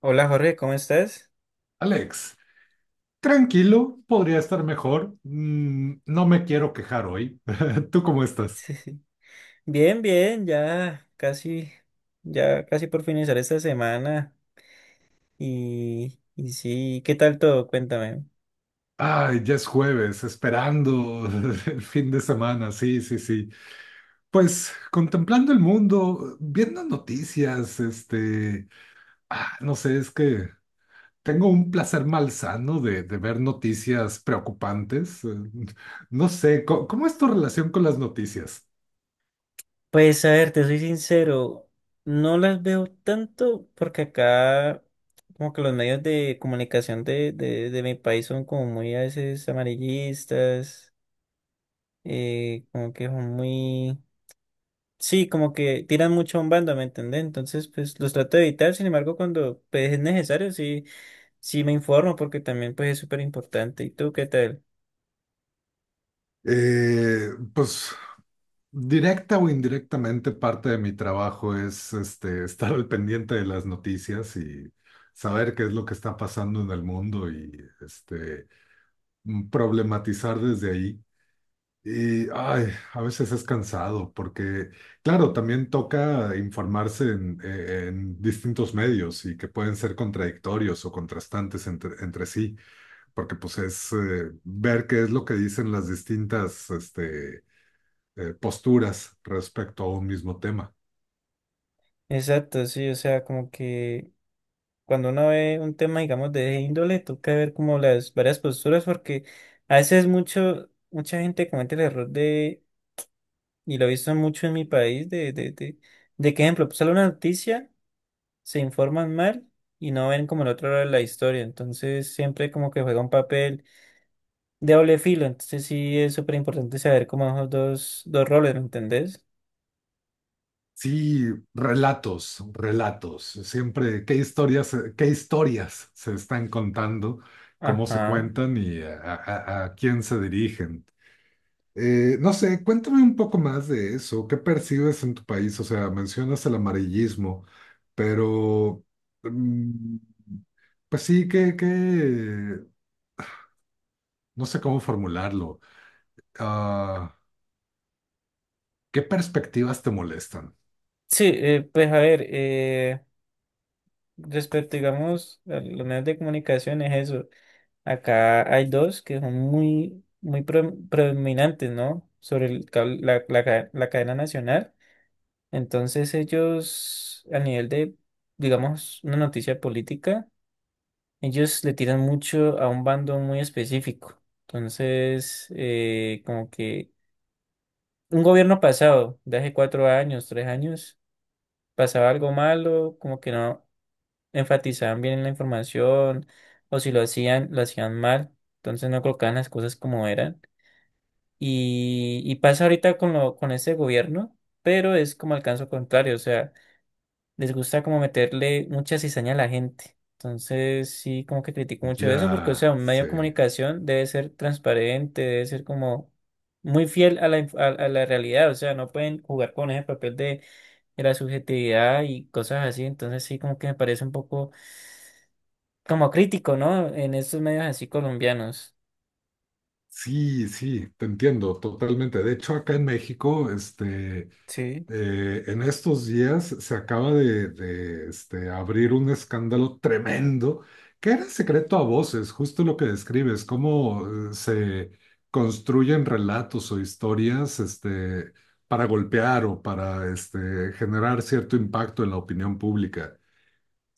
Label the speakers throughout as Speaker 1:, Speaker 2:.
Speaker 1: Hola Jorge, ¿cómo estás?
Speaker 2: Alex, tranquilo, podría estar mejor. No me quiero quejar hoy. ¿Tú cómo estás?
Speaker 1: Bien, bien, ya casi por finalizar esta semana. Y sí, ¿qué tal todo? Cuéntame.
Speaker 2: Ay, ya es jueves, esperando el fin de semana, sí, sí, sí. Pues contemplando el mundo, viendo noticias, no sé, es que tengo un placer malsano de ver noticias preocupantes. No sé, ¿cómo es tu relación con las noticias?
Speaker 1: Pues a ver, te soy sincero, no las veo tanto porque acá como que los medios de comunicación de mi país son como muy a veces amarillistas, como que son muy... Sí, como que tiran mucho a un bando, ¿me entendés? Entonces, pues los trato de evitar, sin embargo, cuando pues, es necesario, sí. Sí, me informo porque también pues es súper importante. ¿Y tú qué tal?
Speaker 2: Eh, pues Directa o indirectamente, parte de mi trabajo es estar al pendiente de las noticias y saber qué es lo que está pasando en el mundo y este, problematizar desde ahí. Y ay, a veces es cansado porque, claro, también toca informarse en distintos medios y que pueden ser contradictorios o contrastantes entre sí, porque pues es ver qué es lo que dicen las distintas, posturas respecto a un mismo tema.
Speaker 1: Exacto, sí, o sea, como que cuando uno ve un tema, digamos, de esa índole, toca ver como las varias posturas porque a veces mucha gente comete el error de, y lo he visto mucho en mi país, de que, ejemplo, sale una noticia, se informan mal y no ven como el otro lado de la historia. Entonces siempre como que juega un papel de doble filo. Entonces sí es súper importante saber como esos dos roles, ¿me entendés?
Speaker 2: Sí, relatos, relatos. Siempre, qué historias se están contando? ¿Cómo se
Speaker 1: Ajá.
Speaker 2: cuentan y a quién se dirigen? No sé, cuéntame un poco más de eso. ¿Qué percibes en tu país? O sea, mencionas el amarillismo, pero... mm, pues sí, que... No sé cómo formularlo. Ah, ¿Qué perspectivas te molestan?
Speaker 1: Sí, pues a ver, respecto, digamos, a los medios de comunicación es eso. Acá hay dos que son muy predominantes, ¿no? Sobre el la cadena nacional. Entonces ellos, a nivel de, digamos, una noticia política, ellos le tiran mucho a un bando muy específico. Entonces, como que un gobierno pasado, de hace cuatro años, tres años, pasaba algo malo, como que no enfatizaban bien en la información o si lo hacían, lo hacían mal, entonces no colocaban las cosas como eran. Y pasa ahorita con lo, con este gobierno, pero es como el caso contrario, o sea, les gusta como meterle mucha cizaña a la gente. Entonces sí, como que critico mucho eso porque, o sea,
Speaker 2: Ya,
Speaker 1: un medio de
Speaker 2: sé.
Speaker 1: comunicación debe ser transparente, debe ser como muy fiel a a la realidad, o sea, no pueden jugar con ese papel de la subjetividad y cosas así, entonces sí, como que me parece un poco como crítico, ¿no? En estos medios así colombianos.
Speaker 2: Sí, sí, te entiendo totalmente. De hecho, acá en México,
Speaker 1: Sí,
Speaker 2: en estos días se acaba de abrir un escándalo tremendo que era secreto a voces, justo lo que describes, cómo se construyen relatos o historias, para golpear o para, este, generar cierto impacto en la opinión pública.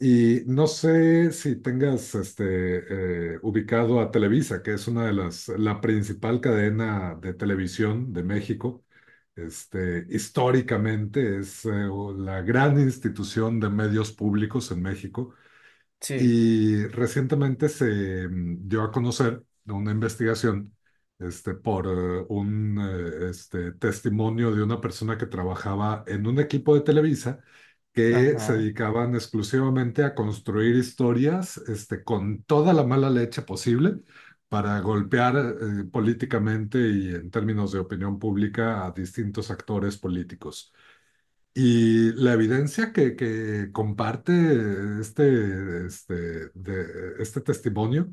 Speaker 2: Y no sé si tengas ubicado a Televisa, que es una de las, la principal cadena de televisión de México. Históricamente es la gran institución de medios públicos en México.
Speaker 1: sí,
Speaker 2: Y recientemente se dio a conocer de una investigación por un testimonio de una persona que trabajaba en un equipo de Televisa que se
Speaker 1: ajá,
Speaker 2: dedicaban exclusivamente a construir historias con toda la mala leche posible para golpear políticamente y en términos de opinión pública a distintos actores políticos. Y la evidencia que comparte este testimonio,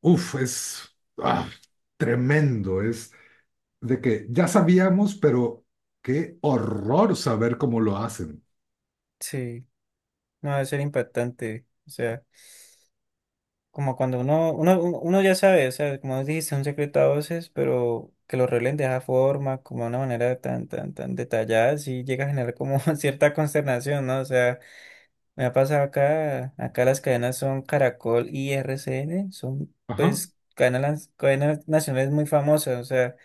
Speaker 2: uff, es ah, tremendo. Es de que ya sabíamos, pero qué horror saber cómo lo hacen.
Speaker 1: sí. No, debe ser impactante. O sea, como cuando uno ya sabe, o sea, como dijiste, un secreto a voces, pero que lo revelen de esa forma, como de una manera tan detallada, sí llega a generar como cierta consternación, ¿no? O sea, me ha pasado acá las cadenas son Caracol y RCN, son
Speaker 2: Ajá,
Speaker 1: pues cadenas, cadenas nacionales muy famosas, o sea,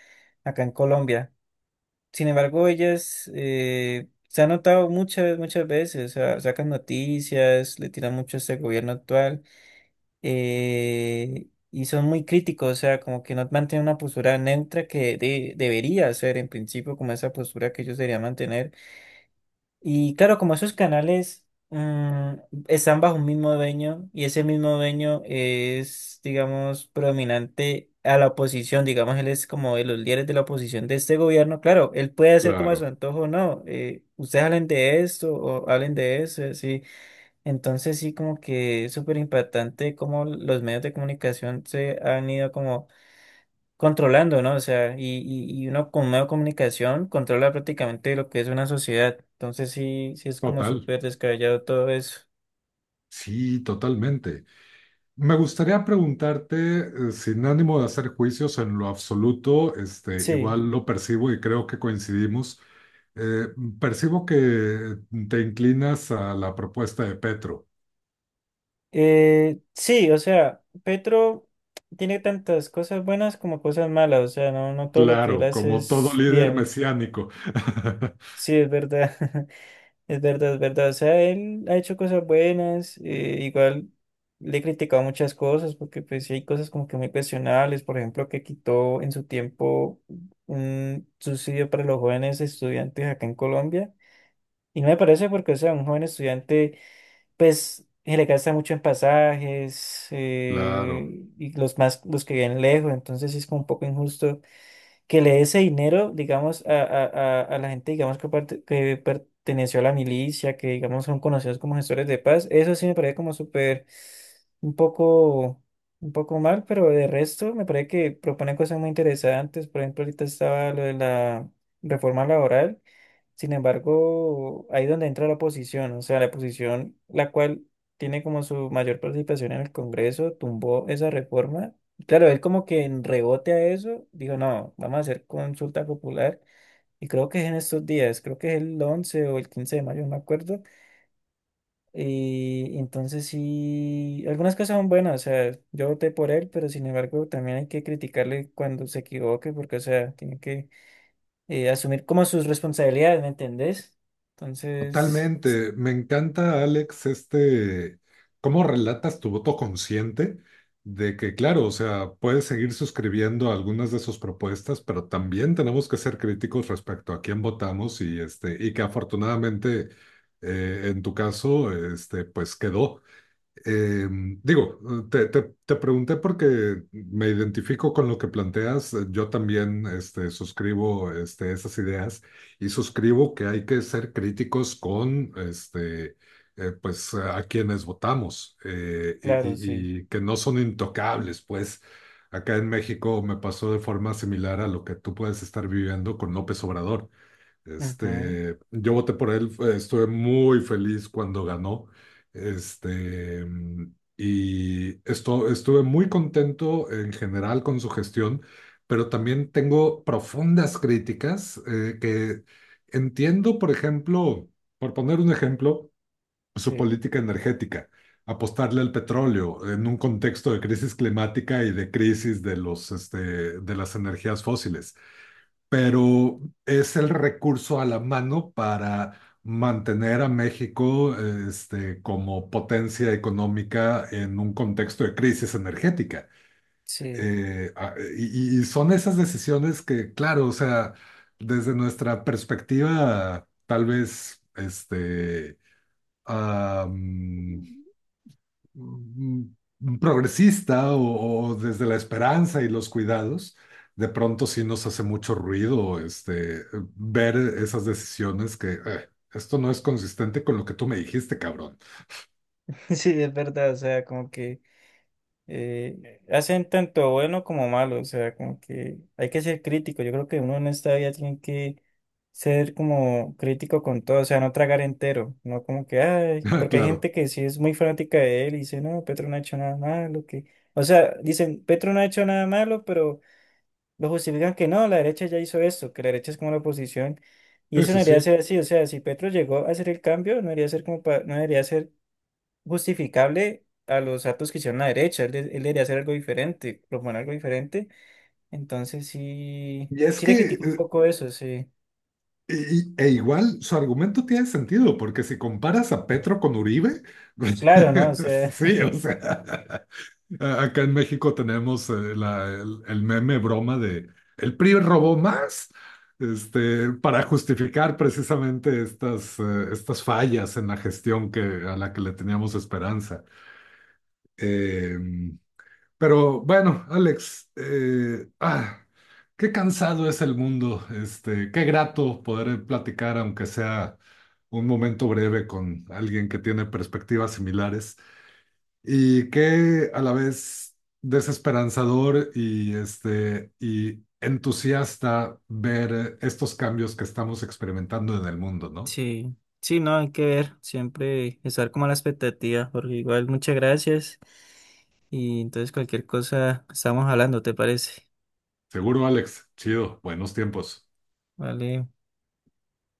Speaker 1: acá en Colombia. Sin embargo, ellas se han notado muchas, muchas veces, o sea, sacan noticias, le tiran mucho a este gobierno actual y son muy críticos, o sea, como que no mantienen una postura neutra que debería ser en principio como esa postura que ellos deberían mantener y claro, como esos canales están bajo un mismo dueño y ese mismo dueño es, digamos, predominante a la oposición, digamos, él es como de los líderes de la oposición de este gobierno, claro, él puede hacer como a su
Speaker 2: claro,
Speaker 1: antojo, no, ustedes hablen de esto o hablen de eso, sí. Entonces sí, como que es súper impactante cómo los medios de comunicación se han ido como controlando, ¿no? O sea, y uno con medio de comunicación controla prácticamente lo que es una sociedad. Entonces sí, sí es como
Speaker 2: total.
Speaker 1: súper descabellado todo eso.
Speaker 2: Sí, totalmente. Me gustaría preguntarte, sin ánimo de hacer juicios en lo absoluto, este,
Speaker 1: Sí,
Speaker 2: igual lo percibo y creo que coincidimos. eh, percibo que te inclinas a la propuesta de Petro.
Speaker 1: sí, o sea, Petro tiene tantas cosas buenas como cosas malas, o sea, no, no todo lo que él
Speaker 2: Claro,
Speaker 1: hace
Speaker 2: como todo
Speaker 1: es
Speaker 2: líder
Speaker 1: bien,
Speaker 2: mesiánico.
Speaker 1: sí, es verdad. Es verdad, es verdad. O sea, él ha hecho cosas buenas, igual le he criticado muchas cosas, porque pues sí hay cosas como que muy cuestionables, por ejemplo, que quitó en su tiempo un subsidio para los jóvenes estudiantes acá en Colombia. Y no me parece porque, o sea, un joven estudiante, pues, se le gasta mucho en pasajes,
Speaker 2: Claro.
Speaker 1: y los más, los que viven lejos, entonces sí es como un poco injusto que le dé ese dinero, digamos, a la gente, digamos, que, que perteneció a la milicia, que, digamos, son conocidos como gestores de paz, eso sí me parece como súper, un poco, un poco mal, pero de resto me parece que proponen cosas muy interesantes, por ejemplo, ahorita estaba lo de la reforma laboral sin embargo, ahí donde entra la oposición, o sea, la oposición, la cual tiene como su mayor participación en el Congreso, tumbó esa reforma. Y claro, él como que en rebote a eso, dijo, no, vamos a hacer consulta popular. Y creo que es en estos días, creo que es el 11 o el 15 de mayo, no me acuerdo. Y entonces sí, algunas cosas son buenas, o sea, yo voté por él, pero sin embargo también hay que criticarle cuando se equivoque, porque, o sea, tiene que asumir como sus responsabilidades, ¿me entendés? Entonces,
Speaker 2: Totalmente. Me encanta, Alex, cómo relatas tu voto consciente de que, claro, o sea, puedes seguir suscribiendo algunas de sus propuestas, pero también tenemos que ser críticos respecto a quién votamos y, este, y que afortunadamente, en tu caso, este, pues quedó. Eh, digo, te pregunté porque me identifico con lo que planteas. Yo también suscribo esas ideas y suscribo que hay que ser críticos con pues, a quienes votamos
Speaker 1: claro, sí.
Speaker 2: y que no son intocables. Pues acá en México me pasó de forma similar a lo que tú puedes estar viviendo con López Obrador.
Speaker 1: Ujú.
Speaker 2: Yo voté por él, estuve muy feliz cuando ganó. Y esto, estuve muy contento en general con su gestión, pero también tengo profundas críticas que entiendo, por ejemplo, por poner un ejemplo, su
Speaker 1: Sí,
Speaker 2: política energética, apostarle al petróleo en un contexto de crisis climática y de crisis de de las energías fósiles, pero es el recurso a la mano para mantener a México, este, como potencia económica en un contexto de crisis energética.
Speaker 1: sí.
Speaker 2: Y son esas decisiones que, claro, o sea, desde nuestra perspectiva, tal vez, am, mm, progresista o desde la esperanza y los cuidados, de pronto sí nos hace mucho ruido ver esas decisiones que esto no es consistente con lo que tú me dijiste, cabrón".
Speaker 1: Sí, es verdad, o sea, como que hacen tanto bueno como malo, o sea, como que hay que ser crítico. Yo creo que uno en esta vida tiene que ser como crítico con todo, o sea, no tragar entero, no como que, ay, porque hay
Speaker 2: Claro,
Speaker 1: gente que sí es muy fanática de él y dice, no, Petro no ha hecho nada malo, que, o sea, dicen, Petro no ha hecho nada malo, pero lo justifican que no, la derecha ya hizo esto, que la derecha es como la oposición, y
Speaker 2: sí,
Speaker 1: eso no
Speaker 2: sí,
Speaker 1: debería
Speaker 2: sí.
Speaker 1: ser así, o sea, si Petro llegó a hacer el cambio, no debería ser como no debería ser justificable a los actos que hicieron la derecha, él, él debería hacer algo diferente, proponer algo diferente, entonces sí,
Speaker 2: Y es
Speaker 1: sí
Speaker 2: que
Speaker 1: le critico un
Speaker 2: eh,
Speaker 1: poco eso, sí,
Speaker 2: e igual su argumento tiene sentido, porque si comparas a Petro con Uribe, pues,
Speaker 1: claro, ¿no? O sea,
Speaker 2: sí, o sea, acá en México tenemos el meme broma de "el PRI robó más", para justificar precisamente estas, estas fallas en la gestión que, a la que le teníamos esperanza. Em, pero bueno, Alex, qué cansado es el mundo. Este, qué grato poder platicar, aunque sea un momento breve, con alguien que tiene perspectivas similares. Y qué a la vez desesperanzador y, este, y entusiasta ver estos cambios que estamos experimentando en el mundo, ¿no?
Speaker 1: sí, sí, no, hay que ver, siempre estar como a la expectativa, porque igual muchas gracias, y entonces cualquier cosa estamos hablando, ¿te parece?
Speaker 2: Seguro, Alex. Chido, buenos tiempos.
Speaker 1: Vale.